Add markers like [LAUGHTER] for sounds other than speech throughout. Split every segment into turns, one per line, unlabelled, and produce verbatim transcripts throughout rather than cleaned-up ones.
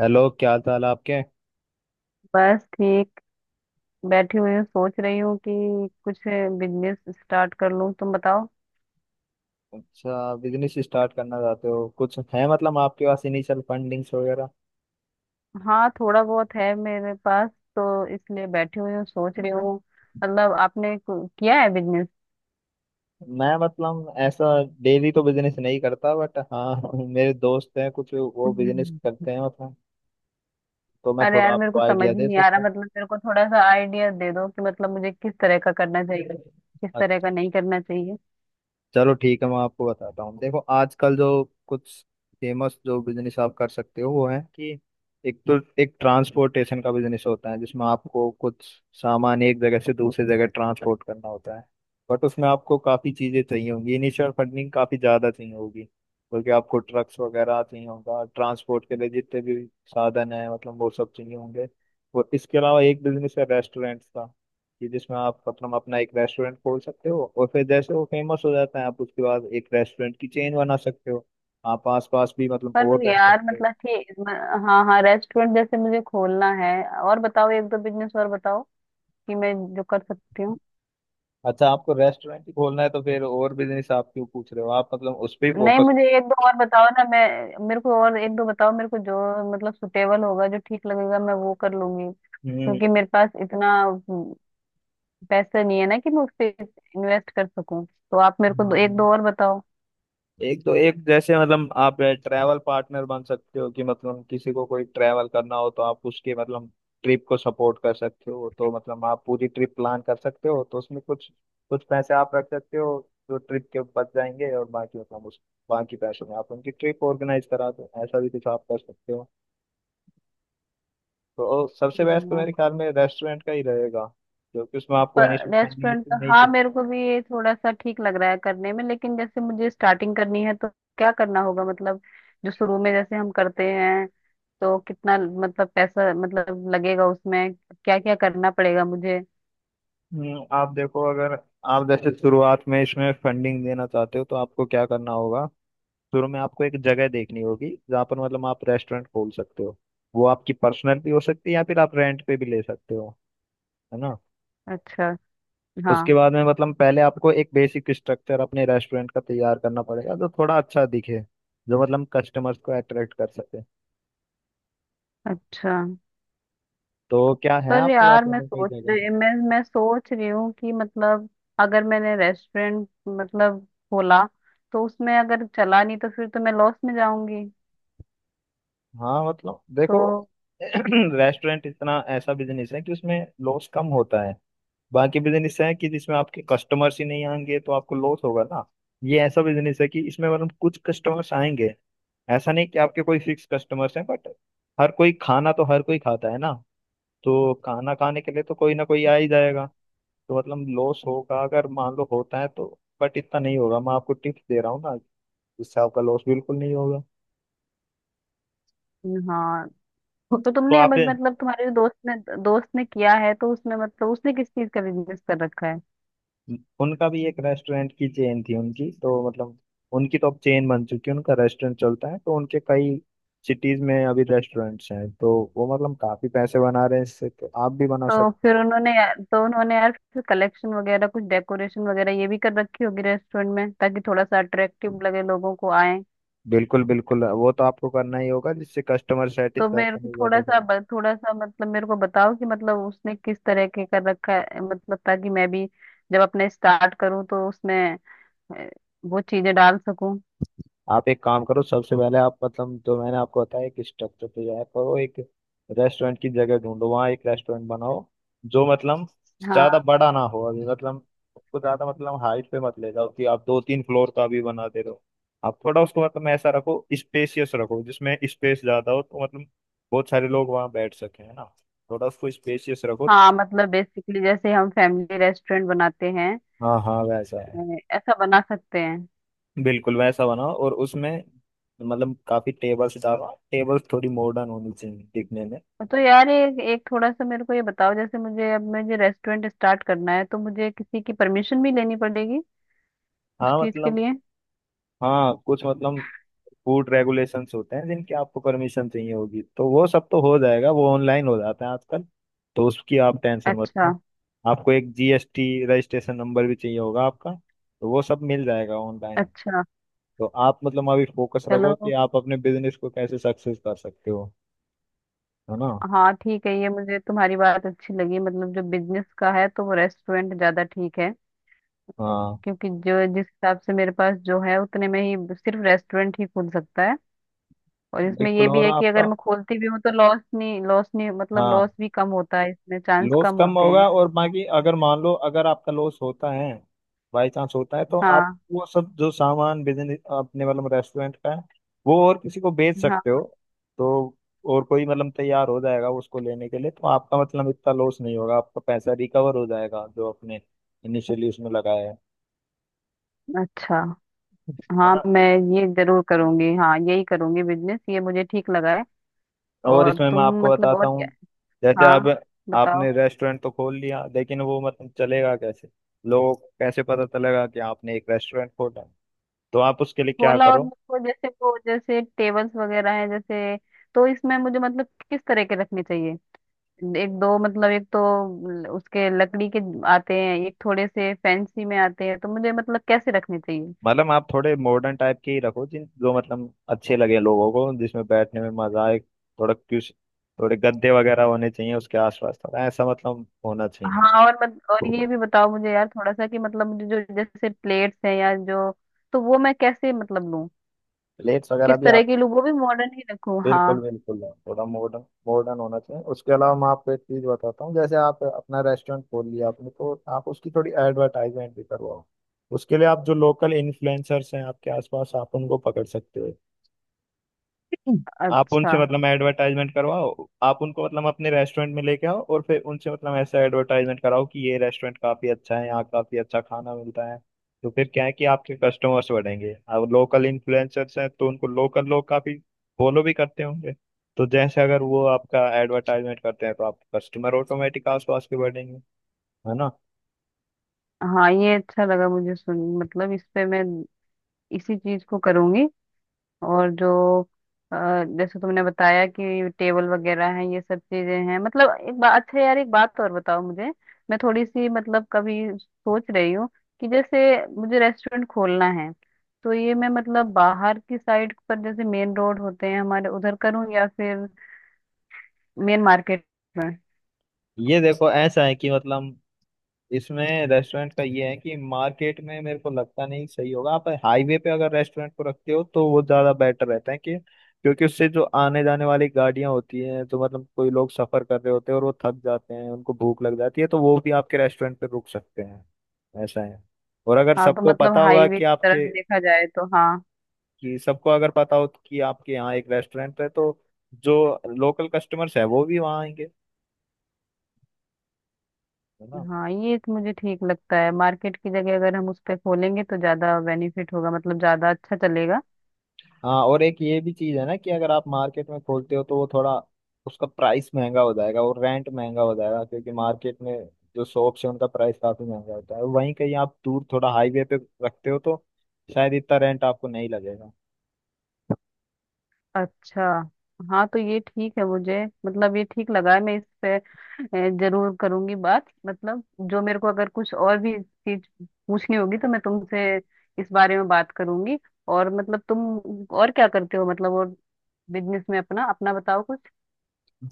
Hello, क्या हाल चाल है आपके?
बस ठीक। बैठी हुई हूँ सोच रही हूँ कि कुछ बिजनेस स्टार्ट कर लूँ। तुम बताओ।
अच्छा, बिजनेस स्टार्ट करना चाहते हो? कुछ है मतलब आपके पास इनिशियल फंडिंग्स वगैरह?
हाँ, थोड़ा बहुत है मेरे पास, तो इसलिए बैठी हुई हूँ सोच रही हूँ। मतलब आपने कु- किया है बिजनेस?
मैं मतलब ऐसा डेली तो बिजनेस नहीं करता बट हाँ [LAUGHS] मेरे दोस्त हैं कुछ, वो बिजनेस
हम्म।
करते हैं मतलब। तो मैं
अरे
थोड़ा
यार, मेरे को
आपको
समझ
आइडिया
ही
दे
नहीं आ रहा।
सकता
मतलब मेरे को थोड़ा सा आइडिया दे दो कि मतलब मुझे किस तरह का करना चाहिए, किस
हूँ।
तरह का नहीं करना चाहिए।
चलो ठीक है, मैं आपको बताता हूँ। देखो आजकल जो कुछ फेमस जो बिजनेस आप कर सकते हो वो है कि एक तो एक ट्रांसपोर्टेशन का बिजनेस होता है, जिसमें आपको कुछ सामान एक जगह से दूसरी जगह ट्रांसपोर्ट करना होता है। बट उसमें आपको काफ़ी चीज़ें चाहिए होंगी, इनिशियल फंडिंग काफ़ी ज़्यादा चाहिए होगी क्योंकि आपको ट्रक्स वगैरह चाहिए होगा। ट्रांसपोर्ट के लिए जितने भी साधन है मतलब वो सब चाहिए होंगे। और इसके अलावा एक बिजनेस है रेस्टोरेंट का, कि जिसमें आप मतलब अपना एक रेस्टोरेंट खोल सकते हो, और फिर जैसे वो फेमस हो जाता है आप उसके बाद एक रेस्टोरेंट की चेन बना सकते हो। आप आस पास भी मतलब और
पर यार
रेस्टोरेंट।
मतलब ठीक म- हाँ हाँ, रेस्टोरेंट जैसे मुझे खोलना है। और बताओ, एक दो बिजनेस और बताओ, कि मैं जो कर सकती हूँ।
अच्छा, आपको रेस्टोरेंट ही खोलना है तो फिर और बिजनेस आप क्यों पूछ रहे हो? आप मतलब उस पर ही
नहीं,
फोकस।
मुझे एक दो और बताओ ना। मैं मेरे को और एक दो बताओ मेरे को, जो मतलब सुटेबल होगा, जो ठीक लगेगा मैं वो कर लूंगी,
हम्म।
क्योंकि मेरे पास इतना हम्म, पैसा नहीं है ना कि मैं उस पे इन्वेस्ट कर सकूं। तो आप मेरे को दो, एक
हाँ।
दो और बताओ।
एक तो एक जैसे मतलब आप ट्रैवल पार्टनर बन सकते हो, कि मतलब किसी को कोई ट्रैवल करना हो तो आप उसके मतलब ट्रिप को सपोर्ट कर सकते हो। तो मतलब आप पूरी ट्रिप प्लान कर सकते हो, तो उसमें कुछ कुछ पैसे आप रख सकते हो जो ट्रिप के बच जाएंगे, और बाकी मतलब उस बाकी पैसों में आप उनकी ट्रिप ऑर्गेनाइज करा दो। ऐसा भी कुछ आप कर सकते हो। तो सबसे बेस्ट तो मेरे ख्याल में रेस्टोरेंट का ही रहेगा, क्योंकि उसमें आपको इनिशियल फंडिंग
रेस्टोरेंट
इतनी
का,
नहीं।
हाँ, मेरे को भी ये थोड़ा सा ठीक लग रहा है करने में। लेकिन जैसे मुझे स्टार्टिंग करनी है तो क्या करना होगा? मतलब जो शुरू में जैसे हम करते हैं, तो कितना मतलब पैसा मतलब लगेगा उसमें? क्या क्या करना पड़ेगा मुझे?
हम्म, आप देखो, अगर आप जैसे शुरुआत में इसमें फंडिंग देना चाहते हो तो आपको क्या करना होगा। शुरू में आपको एक जगह देखनी होगी जहाँ पर मतलब आप रेस्टोरेंट खोल सकते हो। वो आपकी पर्सनल भी हो सकती है या फिर आप रेंट पे भी ले सकते हो, है ना।
अच्छा। हाँ।
उसके बाद में मतलब पहले आपको एक बेसिक स्ट्रक्चर अपने रेस्टोरेंट का तैयार करना पड़ेगा जो थोड़ा अच्छा दिखे, जो मतलब कस्टमर्स को अट्रैक्ट कर सके।
अच्छा।
तो क्या है
पर
आपके पास
यार, मैं
अगर कोई
सोच
जगह।
रही मैं मैं सोच रही हूँ कि मतलब अगर मैंने रेस्टोरेंट मतलब खोला, तो उसमें अगर चला नहीं तो फिर तो मैं लॉस में जाऊंगी।
हाँ मतलब देखो,
तो।
[CLEARS THROAT] रेस्टोरेंट इतना ऐसा बिजनेस है कि उसमें लॉस कम होता है। बाकी बिजनेस है कि जिसमें आपके कस्टमर्स ही नहीं आएंगे तो आपको लॉस होगा ना। ये ऐसा बिजनेस है कि इसमें मतलब कुछ कस्टमर्स आएंगे। ऐसा नहीं कि आपके कोई फिक्स कस्टमर्स हैं, बट हर कोई खाना तो हर कोई खाता है ना। तो खाना खाने के लिए तो कोई ना कोई आ ही जाएगा। तो मतलब लॉस होगा अगर मान लो होता है तो, बट इतना नहीं होगा। मैं आपको टिप्स दे रहा हूँ ना जिससे आपका लॉस बिल्कुल नहीं होगा।
हाँ,
[LAUGHS]
तो
तो
तुमने अब
आप,
मतलब तुम्हारे दोस्त ने दोस्त ने किया है, तो उसमें मतलब उसने किस चीज का बिजनेस कर रखा है?
उनका भी एक रेस्टोरेंट की चेन थी उनकी तो मतलब, उनकी तो अब चेन बन चुकी है, उनका रेस्टोरेंट चलता है तो उनके कई सिटीज में अभी रेस्टोरेंट्स हैं, तो वो मतलब काफी पैसे बना रहे हैं इससे, तो आप भी बना
तो
सकते हैं।
फिर उन्होंने यार- तो उन्होंने यार फिर कलेक्शन वगैरह कुछ डेकोरेशन वगैरह ये भी कर रखी होगी रेस्टोरेंट में, ताकि थोड़ा सा अट्रैक्टिव लगे, लोगों को आए।
बिल्कुल बिल्कुल, वो तो आपको करना ही होगा जिससे कस्टमर
तो मेरे को
सेटिस्फेक्शन भी
थोड़ा
बढ़ेगा।
सा ब- थोड़ा सा मतलब मेरे को बताओ कि मतलब उसने किस तरह के कर रखा है, मतलब ताकि मैं भी जब अपने स्टार्ट करूं तो उसमें अ, वो चीजें डाल सकूं।
आप एक काम करो, सबसे पहले आप मतलब जो मैंने आपको बताया एक स्ट्रक्चर तैयार करो, एक रेस्टोरेंट की जगह ढूंढो, वहाँ एक रेस्टोरेंट बनाओ जो मतलब ज्यादा
हाँ
बड़ा ना हो अभी मतलब। उसको ज्यादा मतलब हाइट पे मत ले जाओ कि आप दो तीन फ्लोर का भी बना दे रहे हो। आप थोड़ा उसको मतलब ऐसा रखो, स्पेसियस रखो, जिसमें स्पेस ज्यादा हो तो मतलब बहुत सारे लोग वहाँ बैठ सके, है ना। थोड़ा उसको स्पेसियस रखो।
हाँ, मतलब बेसिकली जैसे हम फैमिली रेस्टोरेंट बनाते हैं,
हाँ हाँ वैसा
अ,
है,
ऐसा बना सकते हैं।
बिल्कुल वैसा बनाओ। और उसमें मतलब काफी टेबल्स डालो, टेबल्स थोड़ी मॉडर्न होनी चाहिए दिखने में।
तो यार, एक एक थोड़ा सा मेरे को ये बताओ, जैसे मुझे अब मुझे रेस्टोरेंट स्टार्ट करना है, तो मुझे किसी की परमिशन भी लेनी पड़ेगी उस
हाँ
चीज के
मतलब,
लिए?
हाँ कुछ मतलब फूड रेगुलेशंस होते हैं जिनकी आपको परमिशन चाहिए होगी, तो वो सब तो हो जाएगा, वो ऑनलाइन हो जाता है आजकल। तो उसकी आप टेंशन मत
अच्छा।
लो। आपको एक जीएसटी रजिस्ट्रेशन नंबर भी चाहिए होगा आपका, तो वो सब मिल जाएगा ऑनलाइन।
अच्छा।
तो आप मतलब अभी फोकस रखो कि
चलो।
आप अपने बिजनेस को कैसे सक्सेस कर सकते हो, है ना।
हाँ ठीक है, ये मुझे तुम्हारी बात अच्छी लगी, मतलब जो बिजनेस का है तो वो रेस्टोरेंट ज्यादा ठीक है।
हाँ
क्योंकि जो जिस हिसाब से मेरे पास जो है, उतने में ही सिर्फ रेस्टोरेंट ही खुल सकता है। और इसमें ये
बिल्कुल,
भी
और
है कि अगर
आपका,
मैं खोलती भी हूँ तो लॉस नहीं, लॉस नहीं, मतलब लॉस
हाँ,
भी कम होता है, इसमें चांस
लॉस
कम
कम
होते हैं।
होगा। और बाकी अगर मान लो अगर आपका लॉस होता है, बाई चांस होता है, तो आप
हाँ।
वो सब जो सामान बिजनेस अपने मतलब रेस्टोरेंट का है वो और किसी को बेच सकते हो।
हाँ।
तो और कोई मतलब तैयार हो जाएगा उसको लेने के लिए, तो आपका मतलब इतना लॉस नहीं होगा, आपका पैसा रिकवर हो जाएगा जो आपने इनिशियली उसमें लगाया है
अच्छा।
है
हाँ,
ना।
मैं ये जरूर करूंगी। हाँ, यही करूंगी बिजनेस, ये मुझे ठीक लगा है।
और
और
इसमें
तुम
मैं आपको
मतलब
बताता
और क्या?
हूँ। जैसे अब
हाँ बताओ।
आपने रेस्टोरेंट तो खोल लिया, लेकिन वो मतलब चलेगा कैसे? लोगों को कैसे पता चलेगा कि आपने एक रेस्टोरेंट खोला? तो आप उसके लिए क्या
होला। और
करो।
मुझको, जैसे वो जैसे टेबल्स वगैरह है जैसे, तो इसमें मुझे मतलब किस तरह के रखने चाहिए? एक दो मतलब, एक तो ल- उसके लकड़ी के आते हैं, एक थोड़े से फैंसी में आते हैं, तो मुझे मतलब कैसे रखने चाहिए?
मतलब आप थोड़े मॉडर्न टाइप के ही रखो, जिन जो मतलब अच्छे लगे लोगों को, जिसमें बैठने में मजा आए। थोड़ा क्यूस, थोड़े गद्दे वगैरह होने चाहिए उसके आसपास, थोड़ा ऐसा मतलब होना चाहिए।
हाँ, और मत, और ये भी बताओ मुझे यार थोड़ा सा, कि मतलब मुझे जो जैसे प्लेट्स हैं या जो, तो वो मैं कैसे मतलब लूं,
प्लेट्स वगैरह
किस
भी
तरह
आप,
की लूं, वो भी मॉडर्न ही रखूं?
बिल्कुल
हाँ।
बिल्कुल। थोड़ा मॉडर्न मॉडर्न होना चाहिए। उसके अलावा मैं आपको एक चीज बताता हूँ, जैसे आप अपना रेस्टोरेंट खोल लिया आपने तो आप उसकी थोड़ी एडवर्टाइजमेंट भी करवाओ। उसके लिए आप जो लोकल इन्फ्लुएंसर्स हैं आपके आसपास, आप उनको पकड़ सकते हो। आप
अच्छा।
उनसे मतलब एडवर्टाइजमेंट करवाओ, आप उनको मतलब अपने रेस्टोरेंट में लेके आओ और फिर उनसे मतलब ऐसा एडवर्टाइजमेंट कराओ कि ये रेस्टोरेंट काफी अच्छा है, यहाँ काफी अच्छा खाना मिलता है। तो फिर क्या है कि आपके कस्टमर्स बढ़ेंगे। अब लोकल इन्फ्लुएंसर्स हैं तो उनको लोकल लोग काफी फॉलो भी करते होंगे। तो जैसे अगर वो आपका एडवर्टाइजमेंट करते हैं, तो आप कस्टमर ऑटोमेटिक आसपास के बढ़ेंगे, है ना।
हाँ, ये अच्छा लगा मुझे सुन, मतलब इस पे मैं इसी चीज को करूंगी। और जो अ, जैसे तुमने बताया कि टेबल वगैरह हैं, ये सब चीजें हैं मतलब, एक बात, अच्छा यार एक बात और बताओ मुझे। मैं थोड़ी सी मतलब कभी सोच रही हूँ कि जैसे मुझे रेस्टोरेंट खोलना है, तो ये मैं मतलब बाहर की साइड पर, जैसे मेन रोड होते हैं हमारे उधर करूँ, या फिर मेन मार्केट में?
ये देखो ऐसा है कि मतलब इसमें रेस्टोरेंट का ये है कि मार्केट में मेरे को लगता नहीं सही होगा। आप हाईवे पे अगर रेस्टोरेंट को रखते हो तो वो ज्यादा बेटर रहता है, कि क्योंकि उससे जो आने जाने वाली गाड़ियां होती हैं तो मतलब कोई लोग सफर कर रहे होते हैं और वो थक जाते हैं, उनको भूख लग जाती है, तो वो भी आपके रेस्टोरेंट पे रुक सकते हैं। ऐसा है। और अगर
हाँ, तो
सबको
मतलब
पता होगा
हाईवे
कि
की तरफ
आपके,
देखा जाए तो? हाँ।
कि सबको अगर पता हो कि आपके यहाँ एक रेस्टोरेंट है, तो जो लोकल कस्टमर्स है वो भी वहाँ आएंगे, है ना।
हाँ, ये तो मुझे ठीक लगता है, मार्केट की जगह अगर हम उस पे खोलेंगे तो ज्यादा बेनिफिट होगा, मतलब ज्यादा अच्छा चलेगा।
हाँ, और एक ये भी चीज है ना कि अगर आप मार्केट में खोलते हो तो वो थोड़ा, उसका प्राइस महंगा हो जाएगा और रेंट महंगा हो जाएगा, क्योंकि मार्केट में जो शॉप्स है उनका प्राइस काफी महंगा होता है। वहीं कहीं आप दूर थोड़ा हाईवे पे रखते हो तो शायद इतना रेंट आपको नहीं लगेगा।
अच्छा। हाँ, तो ये ठीक है मुझे, मतलब ये ठीक लगा है। मैं इस पे अ, जरूर करूंगी बात, मतलब जो मेरे को अगर कुछ और भी चीज पूछनी होगी तो मैं तुमसे इस बारे में बात करूंगी। और मतलब तुम और क्या करते हो, मतलब और बिजनेस में अपना अपना बताओ कुछ।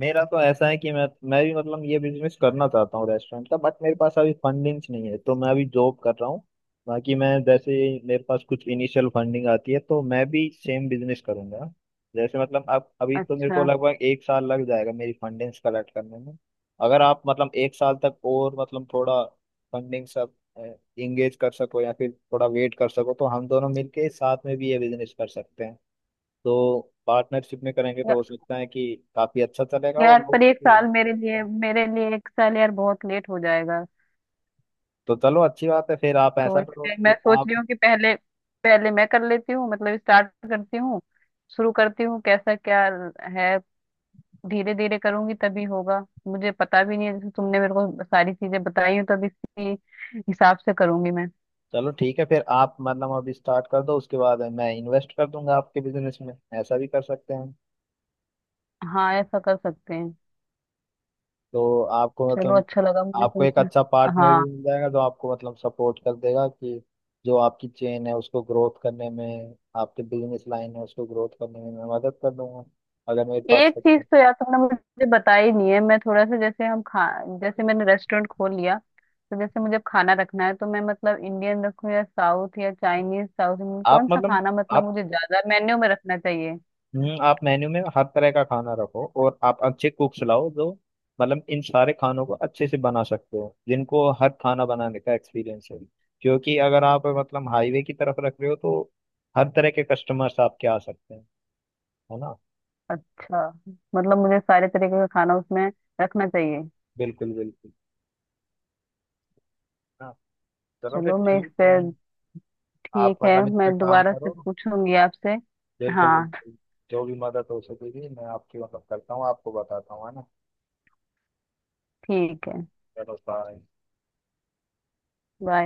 मेरा तो ऐसा है कि मैं मैं भी मतलब ये बिजनेस करना चाहता हूँ रेस्टोरेंट का, बट मेरे पास अभी फंडिंग्स नहीं है तो मैं अभी जॉब कर रहा हूँ। बाकी मैं जैसे ही मेरे पास कुछ इनिशियल फंडिंग आती है तो मैं भी सेम बिजनेस करूंगा। जैसे मतलब अब अभी तो मेरे को
अच्छा।
लगभग एक साल लग जाएगा मेरी फंडिंग्स कलेक्ट करने में। अगर आप मतलब एक साल तक और मतलब थोड़ा फंडिंग सब इंगेज कर सको या फिर थोड़ा वेट कर सको, तो हम दोनों मिलके साथ में भी ये बिजनेस कर सकते हैं। तो पार्टनरशिप में करेंगे तो
या-
हो सकता है कि काफी अच्छा चलेगा, और
यार,
लोग,
पर एक
अच्छी
साल
बात
मेरे
तो
लिए,
है।
मेरे लिए एक साल यार बहुत लेट हो जाएगा।
तो चलो अच्छी बात है, फिर आप
तो
ऐसा करो
इसलिए मैं
कि
सोच
आप,
रही हूँ कि पहले पहले मैं कर लेती हूँ, मतलब स्टार्ट करती हूँ, शुरू करती हूँ, कैसा क्या है। धीरे धीरे करूंगी तभी होगा। मुझे पता भी नहीं है, जैसे तुमने मेरे को सारी चीजें बताई हो तब इसी हिसाब से करूंगी मैं।
चलो ठीक है, फिर आप मतलब अभी स्टार्ट कर दो, उसके बाद मैं इन्वेस्ट कर दूंगा आपके बिजनेस में। ऐसा भी कर सकते हैं।
हाँ, ऐसा कर सकते हैं।
तो आपको
चलो,
मतलब,
अच्छा लगा मुझे
आपको एक
तुमसे।
अच्छा पार्टनर भी
हाँ।
मिल जाएगा जो आपको मतलब सपोर्ट कर देगा, कि जो आपकी चेन है उसको ग्रोथ करने में, आपके बिजनेस लाइन है उसको ग्रोथ करने में मैं मदद कर दूंगा अगर मेरे पास
एक चीज
सपोर्ट।
तो यार तुमने मुझे बताई नहीं है। मैं थोड़ा सा जैसे हम खा जैसे मैंने रेस्टोरेंट खोल लिया, तो जैसे मुझे अब खाना रखना है, तो मैं मतलब इंडियन रखूं या साउथ या चाइनीज? साउथ इंडियन
आप
कौन सा
मतलब,
खाना, मतलब
आप,
मुझे ज्यादा मेन्यू में रखना चाहिए?
हम्म, आप मेन्यू में हर तरह का खाना रखो और आप अच्छे कुक्स लाओ जो मतलब इन सारे खानों को अच्छे से बना सकते हो, जिनको हर खाना बनाने का एक्सपीरियंस है। क्योंकि अगर आप मतलब हाईवे की तरफ रख रहे हो तो हर तरह के कस्टमर्स आपके आ सकते हैं, है ना।
अच्छा, मतलब मुझे सारे तरीके का खाना उसमें रखना चाहिए?
बिल्कुल बिल्कुल। हाँ, चलो फिर
चलो, मैं इस
ठीक
पे।
है। आप
ठीक है,
मतलब इस पे
मैं
काम
दोबारा से
करो,
पूछूंगी आपसे।
बिल्कुल
हाँ
बिल्कुल। जो भी मदद हो सकेगी मैं आपकी मतलब करता हूँ, आपको बताता हूँ, है ना।
ठीक है।
चलो, बाय।
बाय।